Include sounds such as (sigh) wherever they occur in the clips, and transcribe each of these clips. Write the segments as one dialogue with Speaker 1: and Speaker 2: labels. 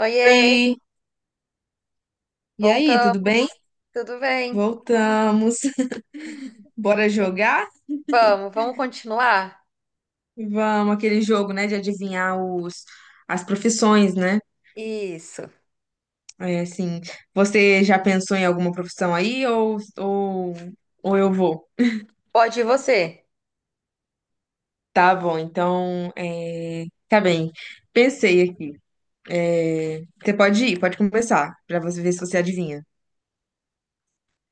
Speaker 1: Oiê,
Speaker 2: Oi! E aí, tudo
Speaker 1: voltamos.
Speaker 2: bem?
Speaker 1: Tudo bem?
Speaker 2: Voltamos. (laughs) Bora jogar?
Speaker 1: Vamos continuar?
Speaker 2: Vamos, aquele jogo, né, de adivinhar as profissões, né?
Speaker 1: Isso.
Speaker 2: É, assim, você já pensou em alguma profissão aí ou eu vou?
Speaker 1: Pode ir você.
Speaker 2: Tá bom, então, tá bem. Pensei aqui. É, você pode ir, pode começar, pra você ver se você adivinha.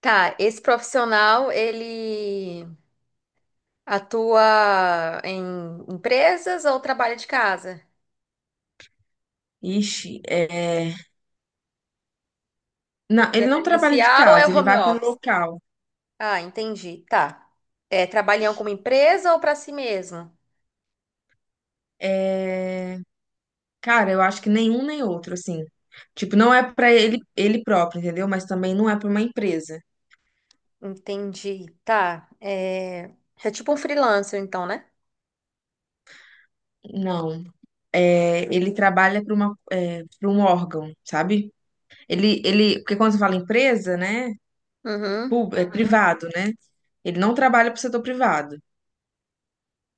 Speaker 1: Tá, esse profissional, ele atua em empresas ou trabalha de casa?
Speaker 2: Ixi, é... Não,
Speaker 1: Ele
Speaker 2: ele
Speaker 1: é
Speaker 2: não trabalha de
Speaker 1: presencial ou é
Speaker 2: casa, ele
Speaker 1: home
Speaker 2: vai para um
Speaker 1: office?
Speaker 2: local.
Speaker 1: Ah, entendi. Tá. É, trabalha em alguma empresa ou para si mesmo?
Speaker 2: É... Cara, eu acho que nenhum nem outro, assim. Tipo, não é pra ele próprio, entendeu? Mas também não é pra uma empresa.
Speaker 1: Entendi. Tá. É, é tipo um freelancer, então, né?
Speaker 2: Não. É, ele trabalha para para um órgão, sabe? Porque quando você fala empresa, né?
Speaker 1: Uhum.
Speaker 2: É privado, né? Ele não trabalha para o setor privado.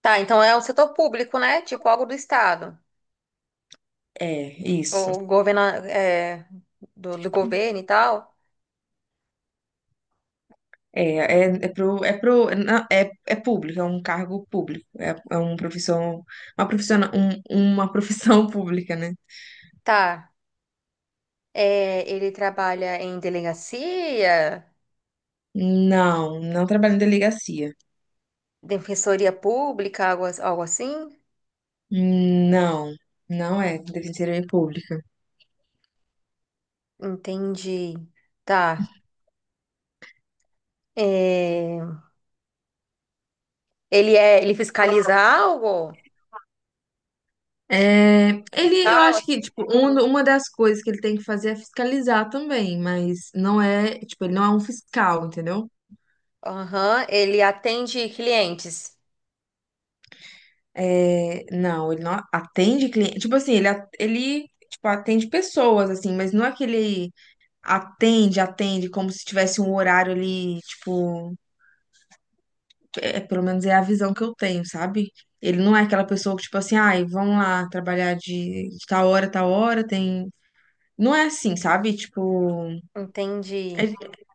Speaker 1: Tá, então é um setor público, né? Tipo algo do estado.
Speaker 2: É, isso.
Speaker 1: O governo é, do governo e tal.
Speaker 2: É, é, é pro, não, é, é público, é um cargo público. É, é um profissão, uma profissão, uma profissão (laughs) pública, né?
Speaker 1: Tá. É, ele trabalha em delegacia,
Speaker 2: Não, não trabalha em delegacia.
Speaker 1: defensoria pública, algo, algo assim?
Speaker 2: Não, não é defensoria pública.
Speaker 1: Entendi. Tá. É, é, ele fiscaliza algo?
Speaker 2: É, ele, eu
Speaker 1: Fiscal,
Speaker 2: acho que,
Speaker 1: assim?
Speaker 2: tipo, uma das coisas que ele tem que fazer é fiscalizar também, mas não é, tipo, ele não é um fiscal, entendeu?
Speaker 1: Aham, ele atende clientes.
Speaker 2: É, não, ele não atende cliente. Tipo assim, ele tipo, atende pessoas, assim, mas não é que ele atende como se tivesse um horário ali, tipo. É, pelo menos é a visão que eu tenho, sabe? Ele não é aquela pessoa que, tipo assim, ai, vamos lá trabalhar de tal hora, tem. Não é assim, sabe? Tipo,
Speaker 1: Entendi.
Speaker 2: é-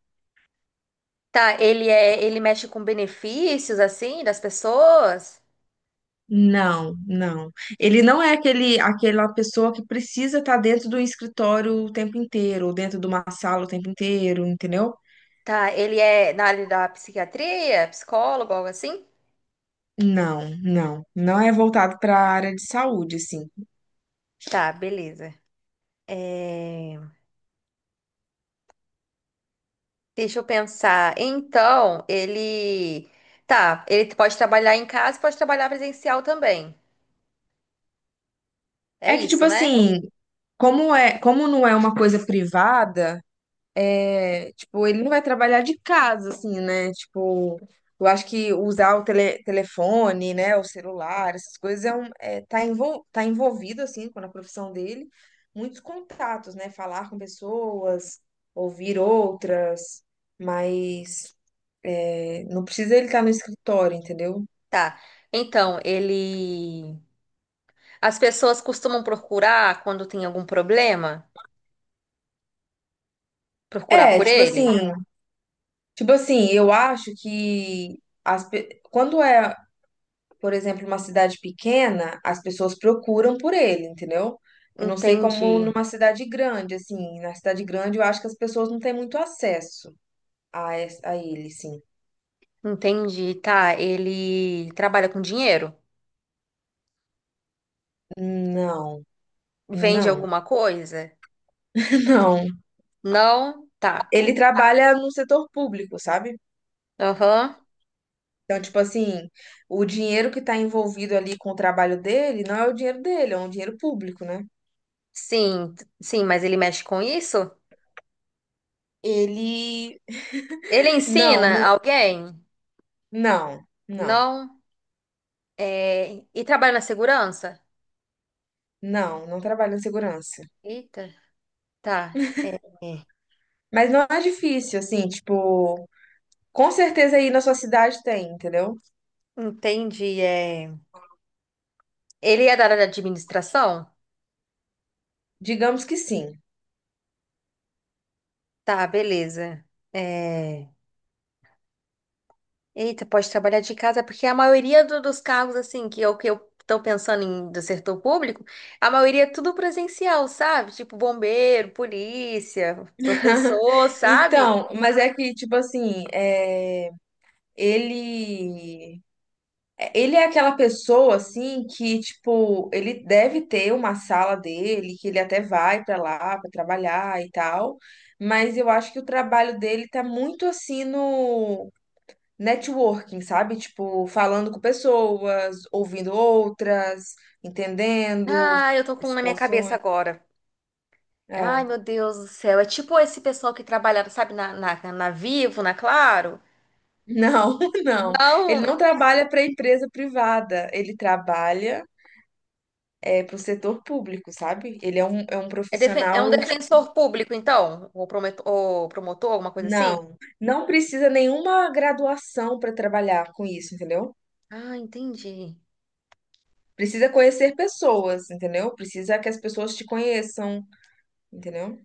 Speaker 1: Tá, ele é, ele mexe com benefícios assim das pessoas?
Speaker 2: não, não. Ele não é aquela pessoa que precisa estar dentro do escritório o tempo inteiro, ou dentro de uma sala o tempo inteiro, entendeu?
Speaker 1: Tá, ele é na área da psiquiatria, psicólogo, algo assim?
Speaker 2: Não, não. Não é voltado para a área de saúde, assim.
Speaker 1: Tá, beleza. É, deixa eu pensar. Então, ele. Tá, ele pode trabalhar em casa, e pode trabalhar presencial também. É
Speaker 2: É que, tipo
Speaker 1: isso, né?
Speaker 2: assim, como não é uma coisa privada. É, tipo, ele não vai trabalhar de casa, assim, né? Tipo, eu acho que usar telefone, né, o celular, essas coisas tá envolvido, assim, com a profissão dele, muitos contatos, né? Falar com pessoas, ouvir outras, mas é, não precisa ele estar no escritório, entendeu?
Speaker 1: Tá. Então, ele. As pessoas costumam procurar quando tem algum problema? Procurar
Speaker 2: É,
Speaker 1: por ele?
Speaker 2: tipo assim, eu acho que quando é por exemplo, uma cidade pequena, as pessoas procuram por ele, entendeu? Eu não sei
Speaker 1: Entendi.
Speaker 2: como numa cidade grande, assim, na cidade grande eu acho que as pessoas não têm muito acesso a ele, sim.
Speaker 1: Entendi. Tá, ele trabalha com dinheiro?
Speaker 2: Não,
Speaker 1: Vende
Speaker 2: não,
Speaker 1: alguma coisa?
Speaker 2: (laughs) não.
Speaker 1: Não? Tá.
Speaker 2: Ele trabalha no setor público, sabe?
Speaker 1: Aham.
Speaker 2: Então, tipo assim, o dinheiro que está envolvido ali com o trabalho dele não é o dinheiro dele, é um dinheiro público, né?
Speaker 1: Sim, sim, mas ele mexe com isso?
Speaker 2: Ele.
Speaker 1: Ele
Speaker 2: Não,
Speaker 1: ensina
Speaker 2: não,
Speaker 1: alguém?
Speaker 2: não,
Speaker 1: Não. É, e trabalha na segurança?
Speaker 2: não, não trabalha em segurança.
Speaker 1: Eita, tá. É, é.
Speaker 2: Mas não é difícil, assim, tipo. Com certeza aí na sua cidade tem, entendeu?
Speaker 1: Entendi. É. Ele é da área de administração?
Speaker 2: Digamos que sim.
Speaker 1: Tá, beleza. É, eita, pode trabalhar de casa, porque a maioria dos cargos, assim, que eu tô pensando em do setor público, a maioria é tudo presencial, sabe? Tipo bombeiro, polícia,
Speaker 2: (laughs)
Speaker 1: professor, sabe?
Speaker 2: Então, mas é que, tipo assim, é, ele, é, ele é aquela pessoa, assim, que, tipo, ele deve ter uma sala dele, que ele até vai pra lá pra trabalhar e tal, mas eu acho que o trabalho dele tá muito, assim, no networking, sabe? Tipo, falando com pessoas, ouvindo outras, entendendo
Speaker 1: Ah, eu tô com
Speaker 2: as
Speaker 1: um na minha cabeça
Speaker 2: situações.
Speaker 1: agora. Ai,
Speaker 2: É.
Speaker 1: meu Deus do céu. É tipo esse pessoal que trabalhava, sabe, na Vivo, na Claro?
Speaker 2: Não, (laughs) não. Ele
Speaker 1: Não,
Speaker 2: não trabalha para empresa privada, ele trabalha é, para o setor público, sabe? É um
Speaker 1: é, é um
Speaker 2: profissional.
Speaker 1: defensor público, então? Ou ou promotor, alguma coisa assim?
Speaker 2: Não, não precisa nenhuma graduação para trabalhar com isso, entendeu?
Speaker 1: Ah, entendi.
Speaker 2: Precisa conhecer pessoas, entendeu? Precisa que as pessoas te conheçam, entendeu?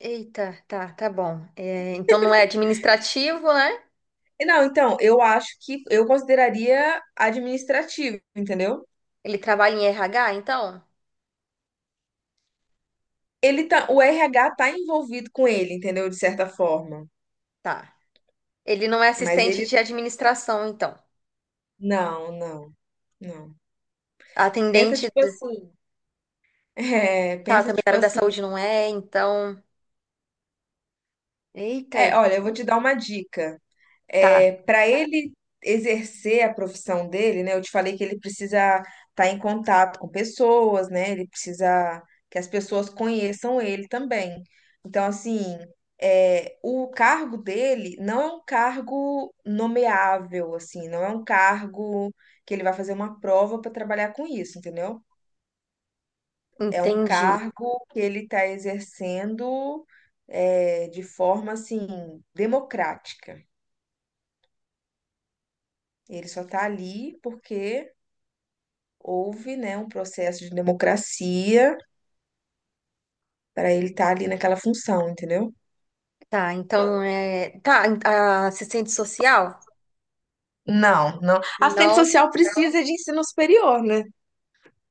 Speaker 1: Eita, tá, tá bom. É, então não é administrativo, né?
Speaker 2: E não, então, eu acho que eu consideraria administrativo, entendeu?
Speaker 1: Ele trabalha em RH, então?
Speaker 2: Ele tá, o RH tá envolvido com ele, entendeu? De certa forma.
Speaker 1: Tá. Ele não é
Speaker 2: Mas
Speaker 1: assistente
Speaker 2: ele.
Speaker 1: de administração, então.
Speaker 2: Não, não, não. Pensa
Speaker 1: Atendente,
Speaker 2: tipo assim, (laughs) é,
Speaker 1: tá,
Speaker 2: pensa
Speaker 1: também da
Speaker 2: tipo
Speaker 1: área da
Speaker 2: assim.
Speaker 1: saúde não é, então. Eita,
Speaker 2: É, olha, eu vou te dar uma dica.
Speaker 1: tá,
Speaker 2: É, para ele exercer a profissão dele, né? Eu te falei que ele precisa estar em contato com pessoas, né? Ele precisa que as pessoas conheçam ele também. Então, assim, é, o cargo dele não é um cargo nomeável, assim, não é um cargo que ele vai fazer uma prova para trabalhar com isso, entendeu? É um
Speaker 1: entendi.
Speaker 2: cargo que ele está exercendo é, de forma assim democrática. Ele só está ali porque houve, né, um processo de democracia para ele estar ali naquela função, entendeu?
Speaker 1: Tá, então não é. Tá, a assistente social?
Speaker 2: Não, não. Assistente
Speaker 1: Não.
Speaker 2: social precisa de ensino superior, né?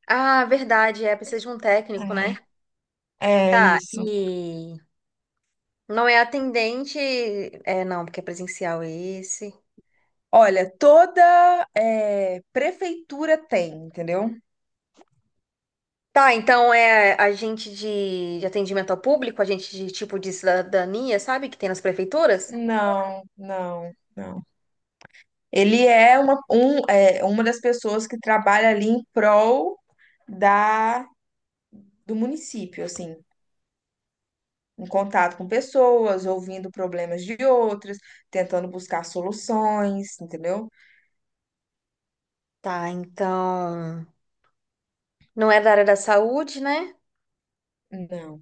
Speaker 1: Ah, verdade, é, precisa de um técnico, né?
Speaker 2: É, é
Speaker 1: Tá,
Speaker 2: isso.
Speaker 1: e não é atendente. É, não, porque é presencial esse.
Speaker 2: Olha, prefeitura tem, entendeu?
Speaker 1: Tá, então é agente de atendimento ao público, agente de tipo de cidadania, sabe? Que tem nas prefeituras?
Speaker 2: Não, não, não. Ele é uma, um, é uma das pessoas que trabalha ali em prol da, do município, assim, em contato com pessoas, ouvindo problemas de outras, tentando buscar soluções, entendeu?
Speaker 1: Tá, então. Não é da área da saúde, né?
Speaker 2: Não.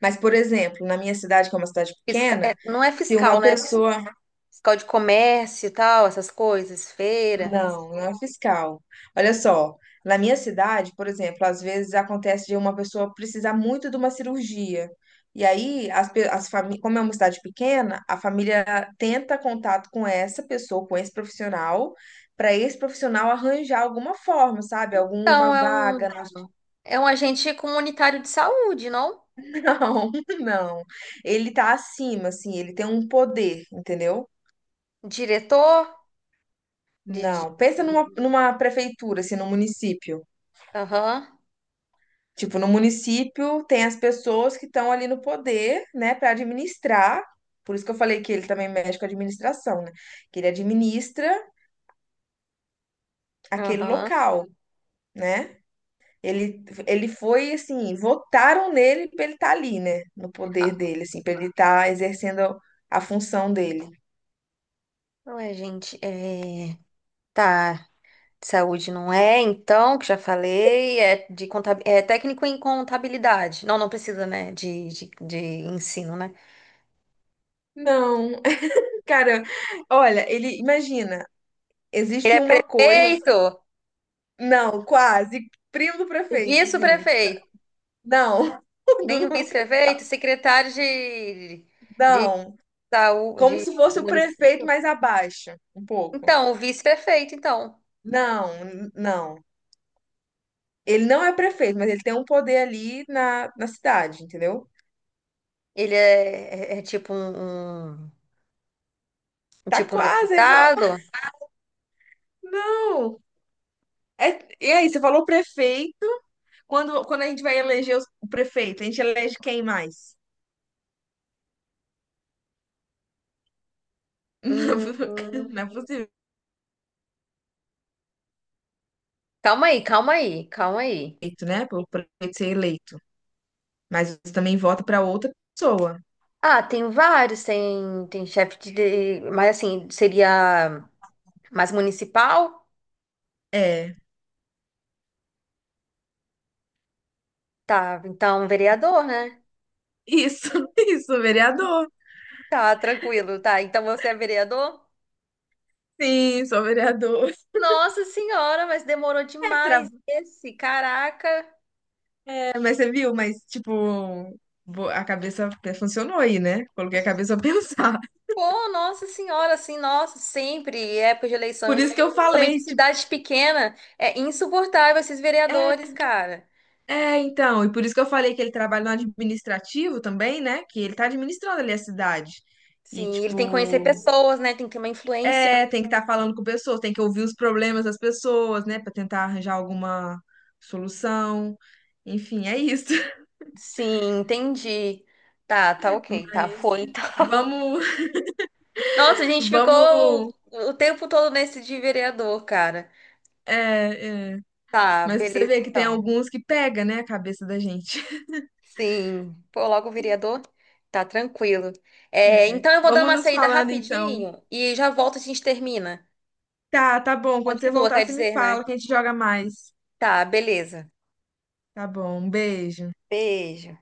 Speaker 2: Mas, por exemplo, na minha cidade, que é uma cidade
Speaker 1: É,
Speaker 2: pequena,
Speaker 1: não é
Speaker 2: tem
Speaker 1: fiscal,
Speaker 2: uma
Speaker 1: né?
Speaker 2: pessoa.
Speaker 1: Fiscal de comércio e tal, essas coisas, feira.
Speaker 2: Não, não é fiscal. Olha só, na minha cidade, por exemplo, às vezes acontece de uma pessoa precisar muito de uma cirurgia. E aí, as, pe- as famí- como é uma cidade pequena, a família tenta contato com essa pessoa, com esse profissional, para esse profissional arranjar alguma forma, sabe? Alguma
Speaker 1: Então, é um.
Speaker 2: vaga no hospital.
Speaker 1: É um agente comunitário de saúde, não?
Speaker 2: (laughs) Não, não. Ele tá acima, assim, ele tem um poder, entendeu?
Speaker 1: Diretor de...
Speaker 2: Não. Pensa numa prefeitura, assim, num município.
Speaker 1: aham,
Speaker 2: Tipo, no município tem as pessoas que estão ali no poder, né, para administrar. Por isso que eu falei que ele também mexe com a administração, né? Que ele administra aquele
Speaker 1: aham.
Speaker 2: local, né? Ele foi assim, votaram nele para ele estar ali, né? No
Speaker 1: Ah,
Speaker 2: poder dele, assim, para ele estar exercendo a função dele.
Speaker 1: ué, gente, é... Tá, saúde não é, então, que já falei, é de contab... é técnico em contabilidade. Não, não precisa, né, de ensino, né?
Speaker 2: Não, (laughs) cara, olha, ele imagina,
Speaker 1: Ele
Speaker 2: existe
Speaker 1: é
Speaker 2: uma coisa,
Speaker 1: prefeito,
Speaker 2: não, quase primo do prefeito, assim.
Speaker 1: vice-prefeito,
Speaker 2: Não, (laughs)
Speaker 1: nem
Speaker 2: do-
Speaker 1: o vice-prefeito, secretário de
Speaker 2: não. Como
Speaker 1: saúde
Speaker 2: se
Speaker 1: do
Speaker 2: fosse o prefeito
Speaker 1: município.
Speaker 2: mais abaixo, um pouco.
Speaker 1: Então, o vice-prefeito, então.
Speaker 2: Não, não. Ele não é prefeito, mas ele tem um poder ali na cidade, entendeu?
Speaker 1: Ele é, é tipo um
Speaker 2: Tá
Speaker 1: tipo um
Speaker 2: quase igual.
Speaker 1: deputado?
Speaker 2: Não. É, e aí, você falou prefeito. Quando a gente vai eleger o prefeito, a gente elege quem mais?
Speaker 1: Hum,
Speaker 2: (laughs)
Speaker 1: hum.
Speaker 2: Não, é possível,
Speaker 1: Calma aí, calma aí, calma aí.
Speaker 2: eleito, né? Pelo prefeito ser eleito. Mas você também vota para outra pessoa.
Speaker 1: Ah, tem vários, tem, tem chefe de, mas assim, seria mais municipal?
Speaker 2: É.
Speaker 1: Tá, então um vereador, né?
Speaker 2: Isso, (laughs) isso, vereador.
Speaker 1: Tá, tranquilo, tá. Então você é vereador?
Speaker 2: Sim, sou vereador.
Speaker 1: Nossa senhora, mas demorou
Speaker 2: é
Speaker 1: demais
Speaker 2: tra-
Speaker 1: esse, caraca.
Speaker 2: É, mas você viu, mas tipo, funcionou aí, né? Coloquei a cabeça a pensar. (laughs)
Speaker 1: Pô, nossa senhora, assim, nossa, sempre, época de
Speaker 2: Por
Speaker 1: eleição,
Speaker 2: isso que eu
Speaker 1: somente em
Speaker 2: falei, tipo,
Speaker 1: cidades pequenas, é insuportável esses
Speaker 2: é,
Speaker 1: vereadores, cara.
Speaker 2: então, e por isso que eu falei que ele trabalha no administrativo também, né? Que ele tá administrando ali a cidade. E
Speaker 1: Sim, ele tem que conhecer
Speaker 2: tipo,
Speaker 1: pessoas, né? Tem que ter uma influência.
Speaker 2: é, tem que estar falando com pessoas, tem que ouvir os problemas das pessoas, né, pra tentar arranjar alguma solução. Enfim, é isso. (laughs)
Speaker 1: Sim, entendi. Tá, tá ok, tá,
Speaker 2: Mas
Speaker 1: foi então. (laughs)
Speaker 2: vamos,
Speaker 1: Nossa, a gente ficou
Speaker 2: vamos,
Speaker 1: o tempo todo nesse de vereador, cara.
Speaker 2: é, é.
Speaker 1: Tá,
Speaker 2: Mas pra você
Speaker 1: beleza
Speaker 2: ver que tem
Speaker 1: então.
Speaker 2: alguns que pega, né, a cabeça da gente.
Speaker 1: Sim, pô, logo o vereador. Tá tranquilo. É,
Speaker 2: É.
Speaker 1: então eu vou dar
Speaker 2: Vamos
Speaker 1: uma
Speaker 2: nos
Speaker 1: saída
Speaker 2: falando então.
Speaker 1: rapidinho e já volto, a gente termina.
Speaker 2: Tá bom. Quando você
Speaker 1: Continua,
Speaker 2: voltar,
Speaker 1: quer
Speaker 2: você me
Speaker 1: dizer, né?
Speaker 2: fala que a gente joga mais.
Speaker 1: Tá, beleza.
Speaker 2: Tá bom. Um beijo.
Speaker 1: Beijo.